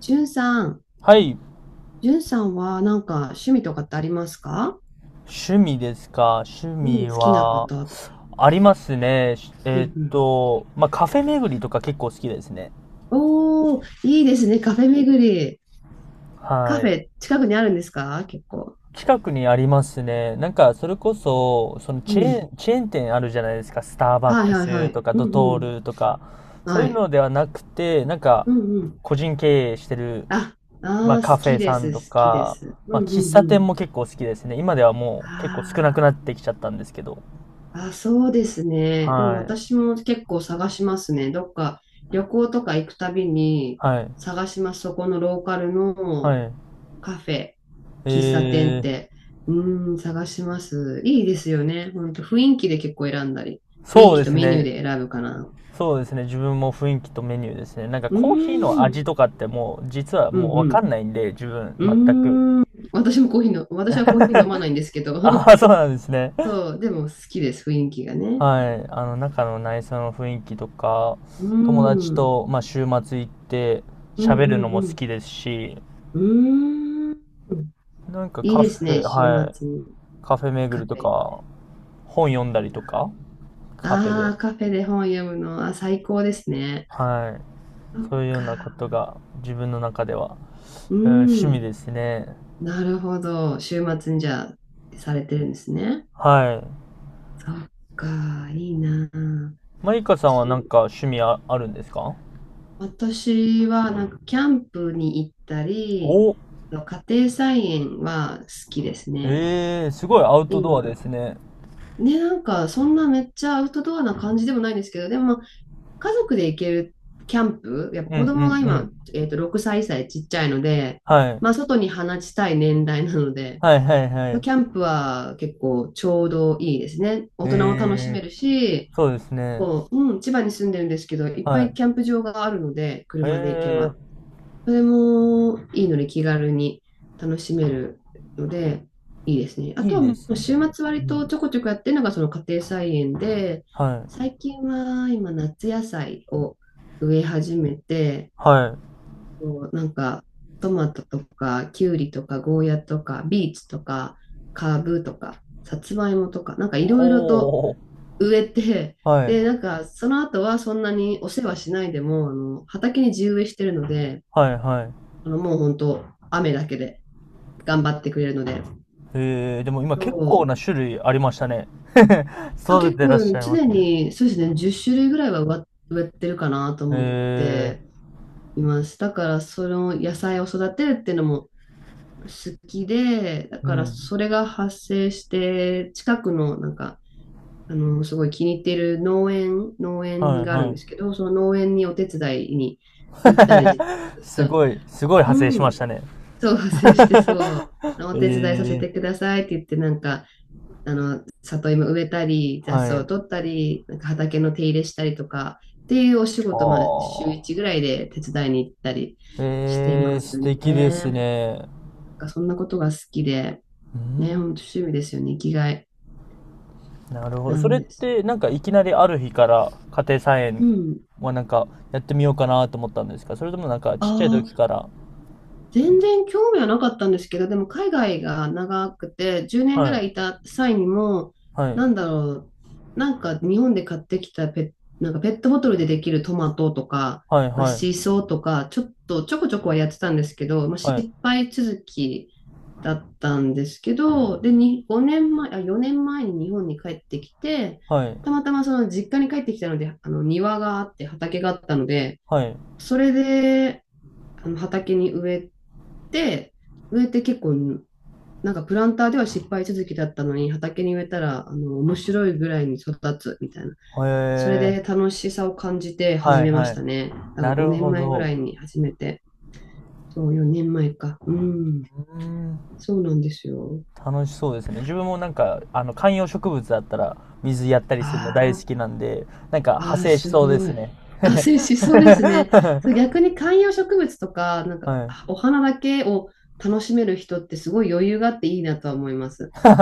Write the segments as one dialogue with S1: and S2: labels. S1: じゅんさん、
S2: はい。
S1: じゅんさんはなんか趣味とかってありますか？
S2: 趣味ですか。趣
S1: うん、
S2: 味
S1: 好きなこ
S2: は、
S1: ととか。
S2: ありますね。
S1: うんうん。
S2: まあ、カフェ巡りとか結構好きですね。
S1: おー、いいですね、カフェ巡り。カ
S2: は
S1: フ
S2: い。
S1: ェ、近くにあるんですか、結構？
S2: 近くにありますね。なんか、それこそ、その
S1: う
S2: チェー
S1: ん。
S2: ン、チェーン店あるじゃないですか。スターバッ
S1: はい
S2: ク
S1: はいは
S2: ス
S1: い。
S2: とか、
S1: う
S2: ド
S1: んう
S2: ト
S1: ん。
S2: ールとか、そう
S1: は
S2: いう
S1: い。
S2: のではなくて、なんか、
S1: うんうん。
S2: 個人経営してる、
S1: あ、
S2: まあ、
S1: あー、
S2: カ
S1: 好
S2: フ
S1: き
S2: ェ
S1: で
S2: さん
S1: す、
S2: と
S1: 好きで
S2: か、
S1: す。う
S2: ま
S1: ん
S2: あ、
S1: う
S2: 喫茶
S1: んうん。
S2: 店も結構好きですね。今ではもう結構少な
S1: あ
S2: くなってきちゃったんですけど。
S1: ー、あ、そうですね。でも
S2: はい。
S1: 私も結構探しますね。どっか旅行とか行くたびに
S2: はい。
S1: 探します。そこのローカル
S2: は
S1: の
S2: い。
S1: カフェ、
S2: え
S1: 喫茶店っ
S2: ー、
S1: て、探します。いいですよね。ほんと、雰囲気で結構選んだり、雰囲
S2: そう
S1: 気
S2: で
S1: と
S2: す
S1: メニュー
S2: ね。
S1: で選ぶかな。
S2: そうですね。自分も雰囲気とメニューですね。なんか
S1: う
S2: コーヒーの
S1: ー
S2: 味
S1: ん、
S2: とかってもう実は
S1: う
S2: もうわかん
S1: ん、
S2: ないんで、自分
S1: う
S2: 全く。
S1: ん。うーん、私はコーヒー飲まないんですけ
S2: あ
S1: ど、
S2: あ、そうなんですね。
S1: そう、でも好きです、雰囲気がね、やっ
S2: は
S1: ぱり。
S2: い。あの中の内装の雰囲気とか、
S1: うーん、
S2: 友達
S1: うん、
S2: と、まあ、週末行って
S1: う
S2: 喋るのも好
S1: ん、
S2: きですし、
S1: うん。うーん、
S2: なんか
S1: いい
S2: カ
S1: で
S2: フ
S1: す
S2: ェ、
S1: ね、週
S2: はい。
S1: 末
S2: カフェ巡
S1: カ
S2: り
S1: フ
S2: と
S1: ェ。
S2: か、本読んだりとか、カフェ
S1: あ
S2: で。
S1: あ、カフェで本読むのは最高ですね。
S2: はい。
S1: そっ
S2: そういうようなこと
S1: か。
S2: が自分の中では、
S1: う
S2: うん、趣味
S1: ん。
S2: ですね。
S1: なるほど。週末にじゃあ、されてるんですね。
S2: はい。
S1: そっか、いいなあ。
S2: マイカさんはなん
S1: し
S2: か趣味あるんですか？
S1: 私は、なんか、キャンプに行ったり、
S2: お、
S1: 家庭菜園は好きですね。
S2: ええー、すごいアウトドアです
S1: 今、
S2: ね。
S1: ね、なんか、そんなめっちゃアウトドアな感じでもないんですけど、でも、まあ家族で行けるキャンプ、やっぱ
S2: うん
S1: 子供が
S2: うんう
S1: 今、
S2: ん。
S1: 6歳、歳ちっちゃいので、
S2: はい。
S1: まあ、外に放ちたい年代なので、
S2: はいはいはい。
S1: キャンプは結構ちょうどいいですね。大人も楽し
S2: ええ
S1: め
S2: ー、
S1: るし、
S2: そうですね。
S1: こう、うん、千葉に住んでるんですけど、いっぱ
S2: は
S1: い
S2: い。
S1: キャンプ場があるので、
S2: え
S1: 車で行け
S2: え
S1: ば。
S2: ー、
S1: それもいいので気軽に楽しめるので、いいですね。あ
S2: い
S1: と
S2: い
S1: は
S2: で
S1: も
S2: す
S1: う週
S2: ね。
S1: 末割
S2: う
S1: と
S2: ん。
S1: ちょこちょこやってるのがその家庭菜園で、
S2: はい。
S1: 最近は今夏野菜を植え始めて、
S2: はい。
S1: そうなんか、トマトとか、キュウリとか、ゴーヤとか、ビーツとか、カブとか、さつまいもとか、なんかいろいろと
S2: ほう。
S1: 植えて、
S2: はい。
S1: で、なんか、その後はそんなにお世話しないでも、あの、畑に地植えしてるので、
S2: はいはい。
S1: あの、もう本当雨だけで頑張ってくれるので、
S2: ええ、でも今結構
S1: そ
S2: な
S1: う、
S2: 種類ありましたね。
S1: と
S2: 育て
S1: 結
S2: てらっし
S1: 構
S2: ゃいま
S1: 常
S2: すね。
S1: に、そうですね、10種類ぐらいは植えてるかなと思っ
S2: ええ、
S1: ています。だから、その野菜を育てるっていうのも、好きで、だ
S2: う
S1: からそ
S2: ん。
S1: れが発生して、近くのなんか、あの、すごい気に入っている農園
S2: はい
S1: がある
S2: は
S1: んですけ
S2: い。
S1: ど、その農園にお手伝いに行ったりして
S2: す
S1: ます、
S2: ごい、すごい派生
S1: う
S2: しま
S1: ん、
S2: したね。
S1: そう、発生してそう、お手伝いさせ
S2: え
S1: て
S2: え、
S1: くださいって言って、なんか、あの、里芋植えたり、雑
S2: は
S1: 草を取
S2: い。
S1: ったり、なんか畑の手入れしたりとか、っていうお仕
S2: あ
S1: 事、まあ、週1ぐ
S2: あ。
S1: らいで手伝いに行ったりして
S2: ええ、
S1: ま
S2: 素
S1: すね。
S2: 敵です
S1: な
S2: ね。
S1: んかそんなことが好きで、
S2: う
S1: ね、本当
S2: ん、
S1: 趣味ですよね、生きがい
S2: なるほど。
S1: な
S2: そ
S1: ん
S2: れっ
S1: です。
S2: て、なんかいきなりある日から家庭菜
S1: う
S2: 園
S1: ん。
S2: はなんかやってみようかなと思ったんですか？それともなんかちっちゃい
S1: あ
S2: 時
S1: あ
S2: から？
S1: 全然興味はなかったんですけど、でも海外が長くて、10年ぐ
S2: は
S1: ら
S2: い、
S1: いいた際にも、
S2: はい、
S1: なんだろう、なんか日本で買ってきたなんかペットボトルでできるトマトとか、
S2: はい、
S1: まあ、
S2: はい、
S1: シソとか、ちょっとちょこちょこはやってたんですけど、まあ、
S2: はい、
S1: 失敗続きだったんですけど、で、に5年前、あ、4年前に日本に帰ってきて、
S2: はい、
S1: たまたまその実家に帰ってきたので、あの庭があって畑があったので、
S2: はい。
S1: それで、あの畑にて、植えて結構、なんかプランターでは失敗続きだったのに、畑に植えたら、あの、面白いぐらいに育つみたいな。
S2: へ
S1: それ
S2: え、
S1: で楽しさを感じて
S2: は
S1: 始
S2: い、
S1: めま
S2: は
S1: し
S2: い。
S1: たね。だから
S2: なる
S1: 5
S2: ほ
S1: 年前ぐらい
S2: ど。
S1: に始めて、そう、4年前か。うん、
S2: うん、
S1: そうなんですよ。
S2: 楽しそうですね。自分もなんか、あの、観葉植物だったら、水やったり
S1: あ
S2: するの大好
S1: ー
S2: きなんで、なんか派
S1: あー、
S2: 生し
S1: す
S2: そうで
S1: ご
S2: す
S1: い。
S2: ね。
S1: あ、そうですね。そう、逆に観葉植物とか、なんか、
S2: はい。
S1: お花だけを楽しめる人ってすごい余裕があっていいなとは思います。
S2: いや、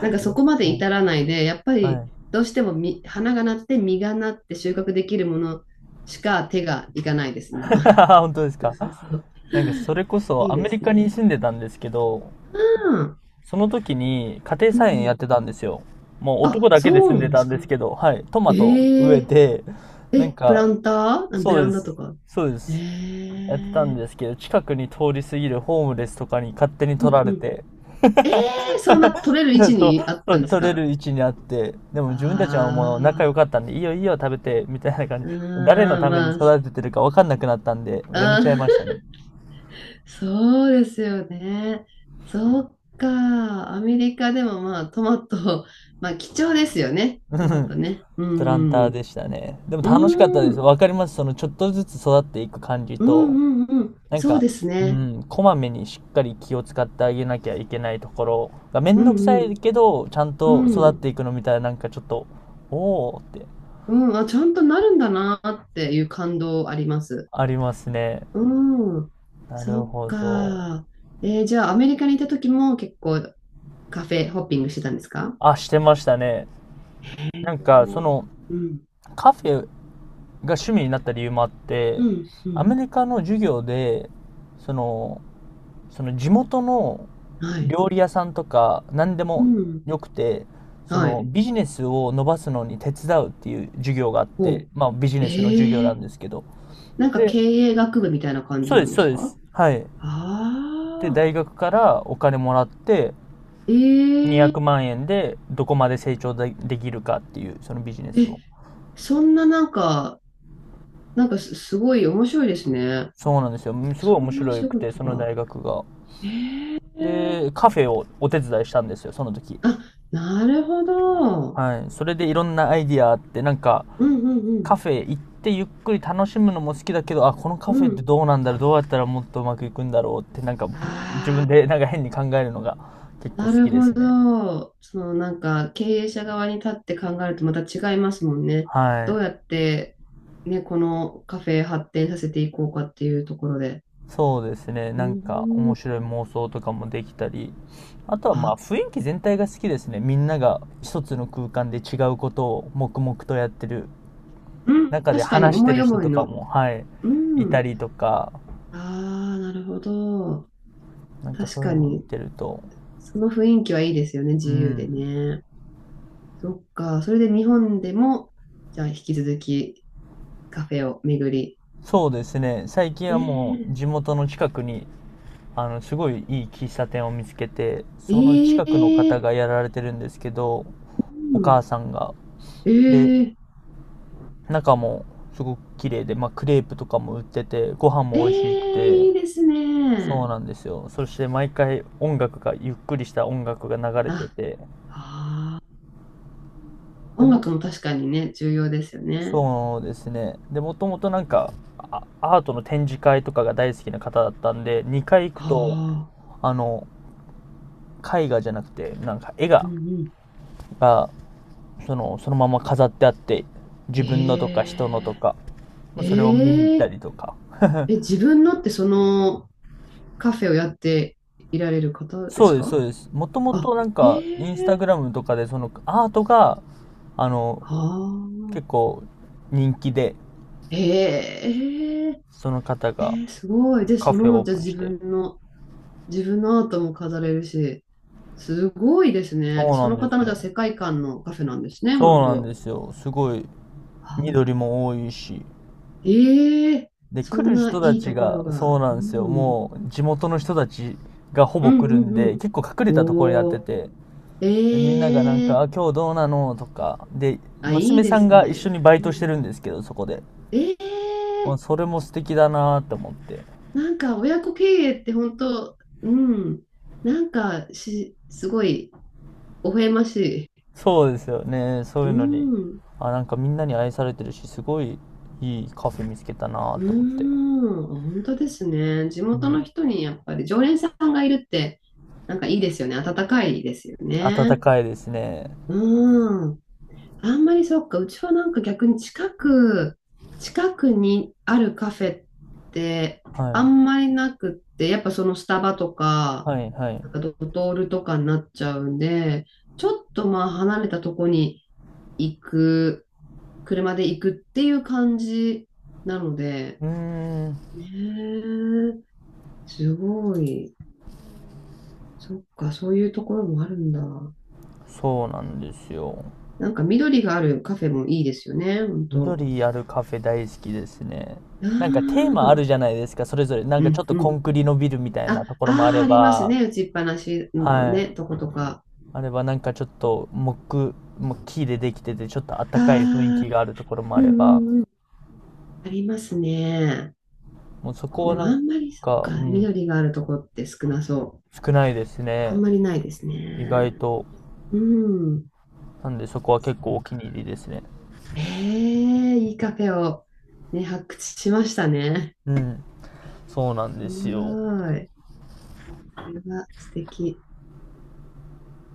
S1: なんかそこまで
S2: はい。
S1: 至らないで、やっぱ
S2: は
S1: り
S2: い。
S1: どうしても花がなって実がなって収穫できるものしか手がいかないです、今は。
S2: 本当です
S1: そう
S2: か？
S1: そうそう。
S2: なんか、それこ
S1: い
S2: そ
S1: い
S2: アメ
S1: で
S2: リ
S1: す
S2: カに
S1: ね。
S2: 住んでたんですけど、
S1: うん。
S2: その時に家庭
S1: うんう
S2: 菜園やっ
S1: ん。
S2: てたんですよ。もう男
S1: あ、
S2: だけで
S1: そう
S2: 住ん
S1: なん
S2: で
S1: で
S2: た
S1: す
S2: んで
S1: か。
S2: すけど、はい。トマト植え
S1: ええ
S2: て、なん
S1: え、プラ
S2: か、
S1: ンターベ
S2: そう
S1: ラ
S2: で
S1: ンダと
S2: す。
S1: か。
S2: そうで
S1: え
S2: す。やってたん
S1: え
S2: ですけど、近くに通り過ぎるホームレスとかに勝手に
S1: う
S2: 取
S1: ん
S2: ら
S1: う
S2: れ
S1: ん。
S2: て、
S1: ええそんな取れる位置
S2: そう、
S1: にあっ
S2: そ
S1: た
S2: う
S1: んです
S2: 取れ
S1: か？
S2: る位置にあって、でも自分たちはもう仲
S1: あ
S2: 良かったんで、いいよいいよ食べて、みたいな感じ。
S1: あー、
S2: 誰の
S1: うーん、
S2: ために
S1: まあ、
S2: 育ててるか分かんなくなったんで、
S1: あ
S2: やめちゃいました
S1: ー
S2: ね。
S1: そうですよね。そっか。アメリカでもまあトマト、まあ貴重ですよね。
S2: う
S1: トマト
S2: ん、
S1: ね。う
S2: プラン
S1: ん。
S2: ターでしたね。でも
S1: う
S2: 楽しかったで
S1: ん。う
S2: す。
S1: ーん
S2: わかります。そのちょっとずつ育っていく感じ
S1: うん
S2: と、
S1: うん。うん
S2: なん
S1: そう
S2: か、
S1: です
S2: う
S1: ね。
S2: ん、こまめにしっかり気を使ってあげなきゃいけないところがめ
S1: う
S2: んどく
S1: んう
S2: さい
S1: ん。
S2: けど、ちゃんと
S1: う
S2: 育って
S1: ん。
S2: いくのみたいな、なんかちょっと、おーって、
S1: うん。あ、ちゃんとなるんだなっていう感動あります。
S2: ありますね。
S1: うん。
S2: な
S1: そ
S2: る
S1: っ
S2: ほど。
S1: か。じゃあアメリカにいた時も結構カフェホッピングしてたんですか？
S2: あ、してましたね。なんか、その、
S1: うん。う
S2: カフェが趣味になった理由もあって、
S1: ん。う
S2: ア
S1: ん。
S2: メリカの授業で、その、その地元の
S1: はい。
S2: 料理屋さんとか、何で
S1: う
S2: も
S1: ん。
S2: よくて、そ
S1: は
S2: の
S1: い。
S2: ビジネスを伸ばすのに手伝うっていう授業があっ
S1: お
S2: て、
S1: う。
S2: まあビジネスの授業
S1: え
S2: なん
S1: え
S2: ですけど。
S1: なんか
S2: で、
S1: 経営学部みたいな感じ
S2: そう
S1: な
S2: で
S1: ん
S2: す、
S1: で
S2: そ
S1: す
S2: うで
S1: か？
S2: す。はい。で、
S1: ああ
S2: 大学からお金もらって、
S1: ー、
S2: 200
S1: え
S2: 万円でどこまで成長でできるかっていう、そのビジネ
S1: え
S2: スを。
S1: え、そんななんか、なんかすごい面白いですね。
S2: そうなんですよ。すごい
S1: そ
S2: 面
S1: んなお
S2: 白
S1: 仕
S2: くて、
S1: 事
S2: その
S1: が。
S2: 大学が。
S1: ええ
S2: で、カフェをお手伝いしたんですよ、その時。
S1: あ、なるほど。
S2: はい。それでいろんなアイディアあって、なんか、
S1: うんうん
S2: カフェ行ってゆっくり楽しむのも好きだけど、あ、このカ
S1: う
S2: フ
S1: ん。
S2: ェ
S1: う
S2: って
S1: ん。
S2: どうなんだろう、どうやったらもっとうまくいくんだろうって、なんか、自
S1: あ
S2: 分
S1: あ。
S2: でなんか変に考えるのが結構好
S1: なる
S2: きで
S1: ほ
S2: すね。
S1: ど。そのなんか経営者側に立って考えるとまた違いますもんね。
S2: は
S1: どう
S2: い。
S1: やって、ね、このカフェ発展させていこうかっていうところで。
S2: そうですね。
S1: う
S2: なんか
S1: ー
S2: 面
S1: ん。
S2: 白い妄想とかもできたり、あとはまあ
S1: あ、
S2: 雰囲気全体が好きですね。みんなが一つの空間で違うことを黙々とやってる
S1: うん。
S2: 中で
S1: 確かに
S2: 話して
S1: 思い
S2: る人
S1: 思い
S2: とか
S1: の。
S2: も、はい、
S1: う
S2: いた
S1: ん。
S2: りとか、
S1: ああ、なるほど。
S2: なんか
S1: 確
S2: そういう
S1: か
S2: のを見
S1: に。
S2: てると、
S1: その雰囲気はいいですよね。
S2: う
S1: 自由で
S2: ん、
S1: ね。そっか。それで日本でも、じゃあ引き続きカフェを巡り。
S2: そうですね。最近は
S1: ね
S2: もう地元の近くに、あの、すごいいい喫茶店を見つけて、その
S1: え。
S2: 近くの方
S1: ええ
S2: がやられてるんですけど、
S1: う
S2: お
S1: ん。
S2: 母さんが。で、
S1: ええ
S2: 中もすごく綺麗で、まあ、クレープとかも売ってて、ご飯
S1: え
S2: も美味しく
S1: え
S2: て、
S1: いいです
S2: そう
S1: ね。
S2: なんですよ。そして毎回音楽が、ゆっくりした音楽が流れて
S1: あ、
S2: て、
S1: ああ
S2: で
S1: 音
S2: も、
S1: 楽も確かにね、重要ですよね。
S2: そうですね。で、もともとなんか、あアートの展示会とかが大好きな方だったんで、2回行くと、
S1: ああ、
S2: あの、絵画じゃなくて、なんか絵
S1: う
S2: が、
S1: んうん。
S2: がその、そのまま飾ってあって、自分のとか人のと
S1: え
S2: か、まあそれを見に行っ
S1: え
S2: た
S1: ええ
S2: りとか、
S1: え、自分のってそのカフェをやっていられる方で
S2: そ
S1: す
S2: うです、そ
S1: か？
S2: うです。もともと
S1: あ、
S2: なん
S1: え
S2: か、インスタグ
S1: え
S2: ラムとかで、そのアートが、あの、
S1: ああ、
S2: 結構人気で、
S1: ええ
S2: その方
S1: ええ
S2: が
S1: ええすごい。で、
S2: カ
S1: そ
S2: フェを
S1: の、
S2: オー
S1: じゃあ
S2: プンし
S1: 自
S2: て。
S1: 分の自分のアートも飾れるし、すごいです
S2: そ
S1: ね。
S2: う
S1: そ
S2: なん
S1: の
S2: で
S1: 方
S2: す
S1: のじゃあ世
S2: よ。
S1: 界観のカフェなんですね、
S2: そ
S1: 本
S2: うなん
S1: 当。
S2: ですよ。すごい、
S1: は
S2: 緑も多いし。
S1: ええ
S2: で、
S1: そ
S2: 来
S1: ん
S2: る
S1: な
S2: 人た
S1: いい
S2: ち
S1: ところ
S2: が、そう
S1: が。
S2: な
S1: う
S2: んですよ。
S1: ん。
S2: もう、地元の人たちがほ
S1: う
S2: ぼ
S1: ん
S2: 来るん
S1: う
S2: で、
S1: ん
S2: 結構隠れ
S1: う
S2: たと
S1: ん。
S2: ころになって
S1: おー。
S2: て、でみんながなん
S1: え
S2: か、
S1: え
S2: あ、今日どうなの、とか、で、
S1: あ、いい
S2: 娘
S1: で
S2: さん
S1: す
S2: が一緒
S1: ね。
S2: にバイ
S1: う
S2: ト
S1: ん
S2: して
S1: う
S2: るん
S1: ん。
S2: ですけど、そこで。
S1: え
S2: まあ、
S1: え
S2: それも素敵だなーって思って。
S1: なんか親子経営って本当、うん。なんかすごい、微笑ましい。
S2: そうですよね。そうい
S1: う
S2: うのに。
S1: ん。
S2: あ、なんかみんなに愛されてるし、すごいいいカフェ見つけたな
S1: うー
S2: と思って。
S1: ん、本当ですね。地
S2: う
S1: 元の
S2: ん。
S1: 人にやっぱり常連さんがいるって、なんかいいですよね。温かいですよ
S2: 暖
S1: ね。
S2: かいですね。
S1: うーん。あんまりそっか、うちはなんか逆に近くにあるカフェって
S2: は
S1: あ
S2: い。
S1: んまりなくって、やっぱそのスタバとか、
S2: はいは
S1: なんか
S2: い。
S1: ドトールとかになっちゃうんで、ちょっとまあ離れたとこに行く、車で行くっていう感じなので、
S2: うーん、
S1: ねえすごい。そっか、そういうところもあるんだ。
S2: そうなんですよ。
S1: なんか緑があるカフェもいいですよね、本当。
S2: 緑あるカフェ大好きですね。
S1: あ
S2: なんかテーマあ
S1: あ、
S2: るじゃないですか、それぞれ。なん
S1: う
S2: かちょ
S1: ん
S2: っと
S1: う
S2: コン
S1: ん。
S2: クリのビルみたいなと
S1: あ、
S2: ころもあ
S1: ああ、
S2: れ
S1: あります
S2: ば、
S1: ね。打ちっぱなしの
S2: はい。
S1: ね、とことか。
S2: あればなんかちょっと木、もう木でできてて、ちょっと
S1: あ
S2: 暖かい雰囲
S1: あ、
S2: 気があるところも
S1: う
S2: あれ
S1: ん
S2: ば、
S1: うんうん。ありますね。
S2: もうそこ
S1: で
S2: を
S1: も
S2: なん
S1: あんまり、そっ
S2: か、
S1: か、
S2: うん、
S1: 緑があるとこって少なそう。
S2: 少ないです
S1: あん
S2: ね。
S1: まりないです
S2: 意
S1: ね。
S2: 外と。
S1: うん。
S2: なんでそこは
S1: そ
S2: 結構お
S1: っか。
S2: 気に入りですね。
S1: ええ、いいカフェをね、発掘しましたね。
S2: うん。そうなん
S1: す
S2: ですよ。
S1: ごい。それは素敵。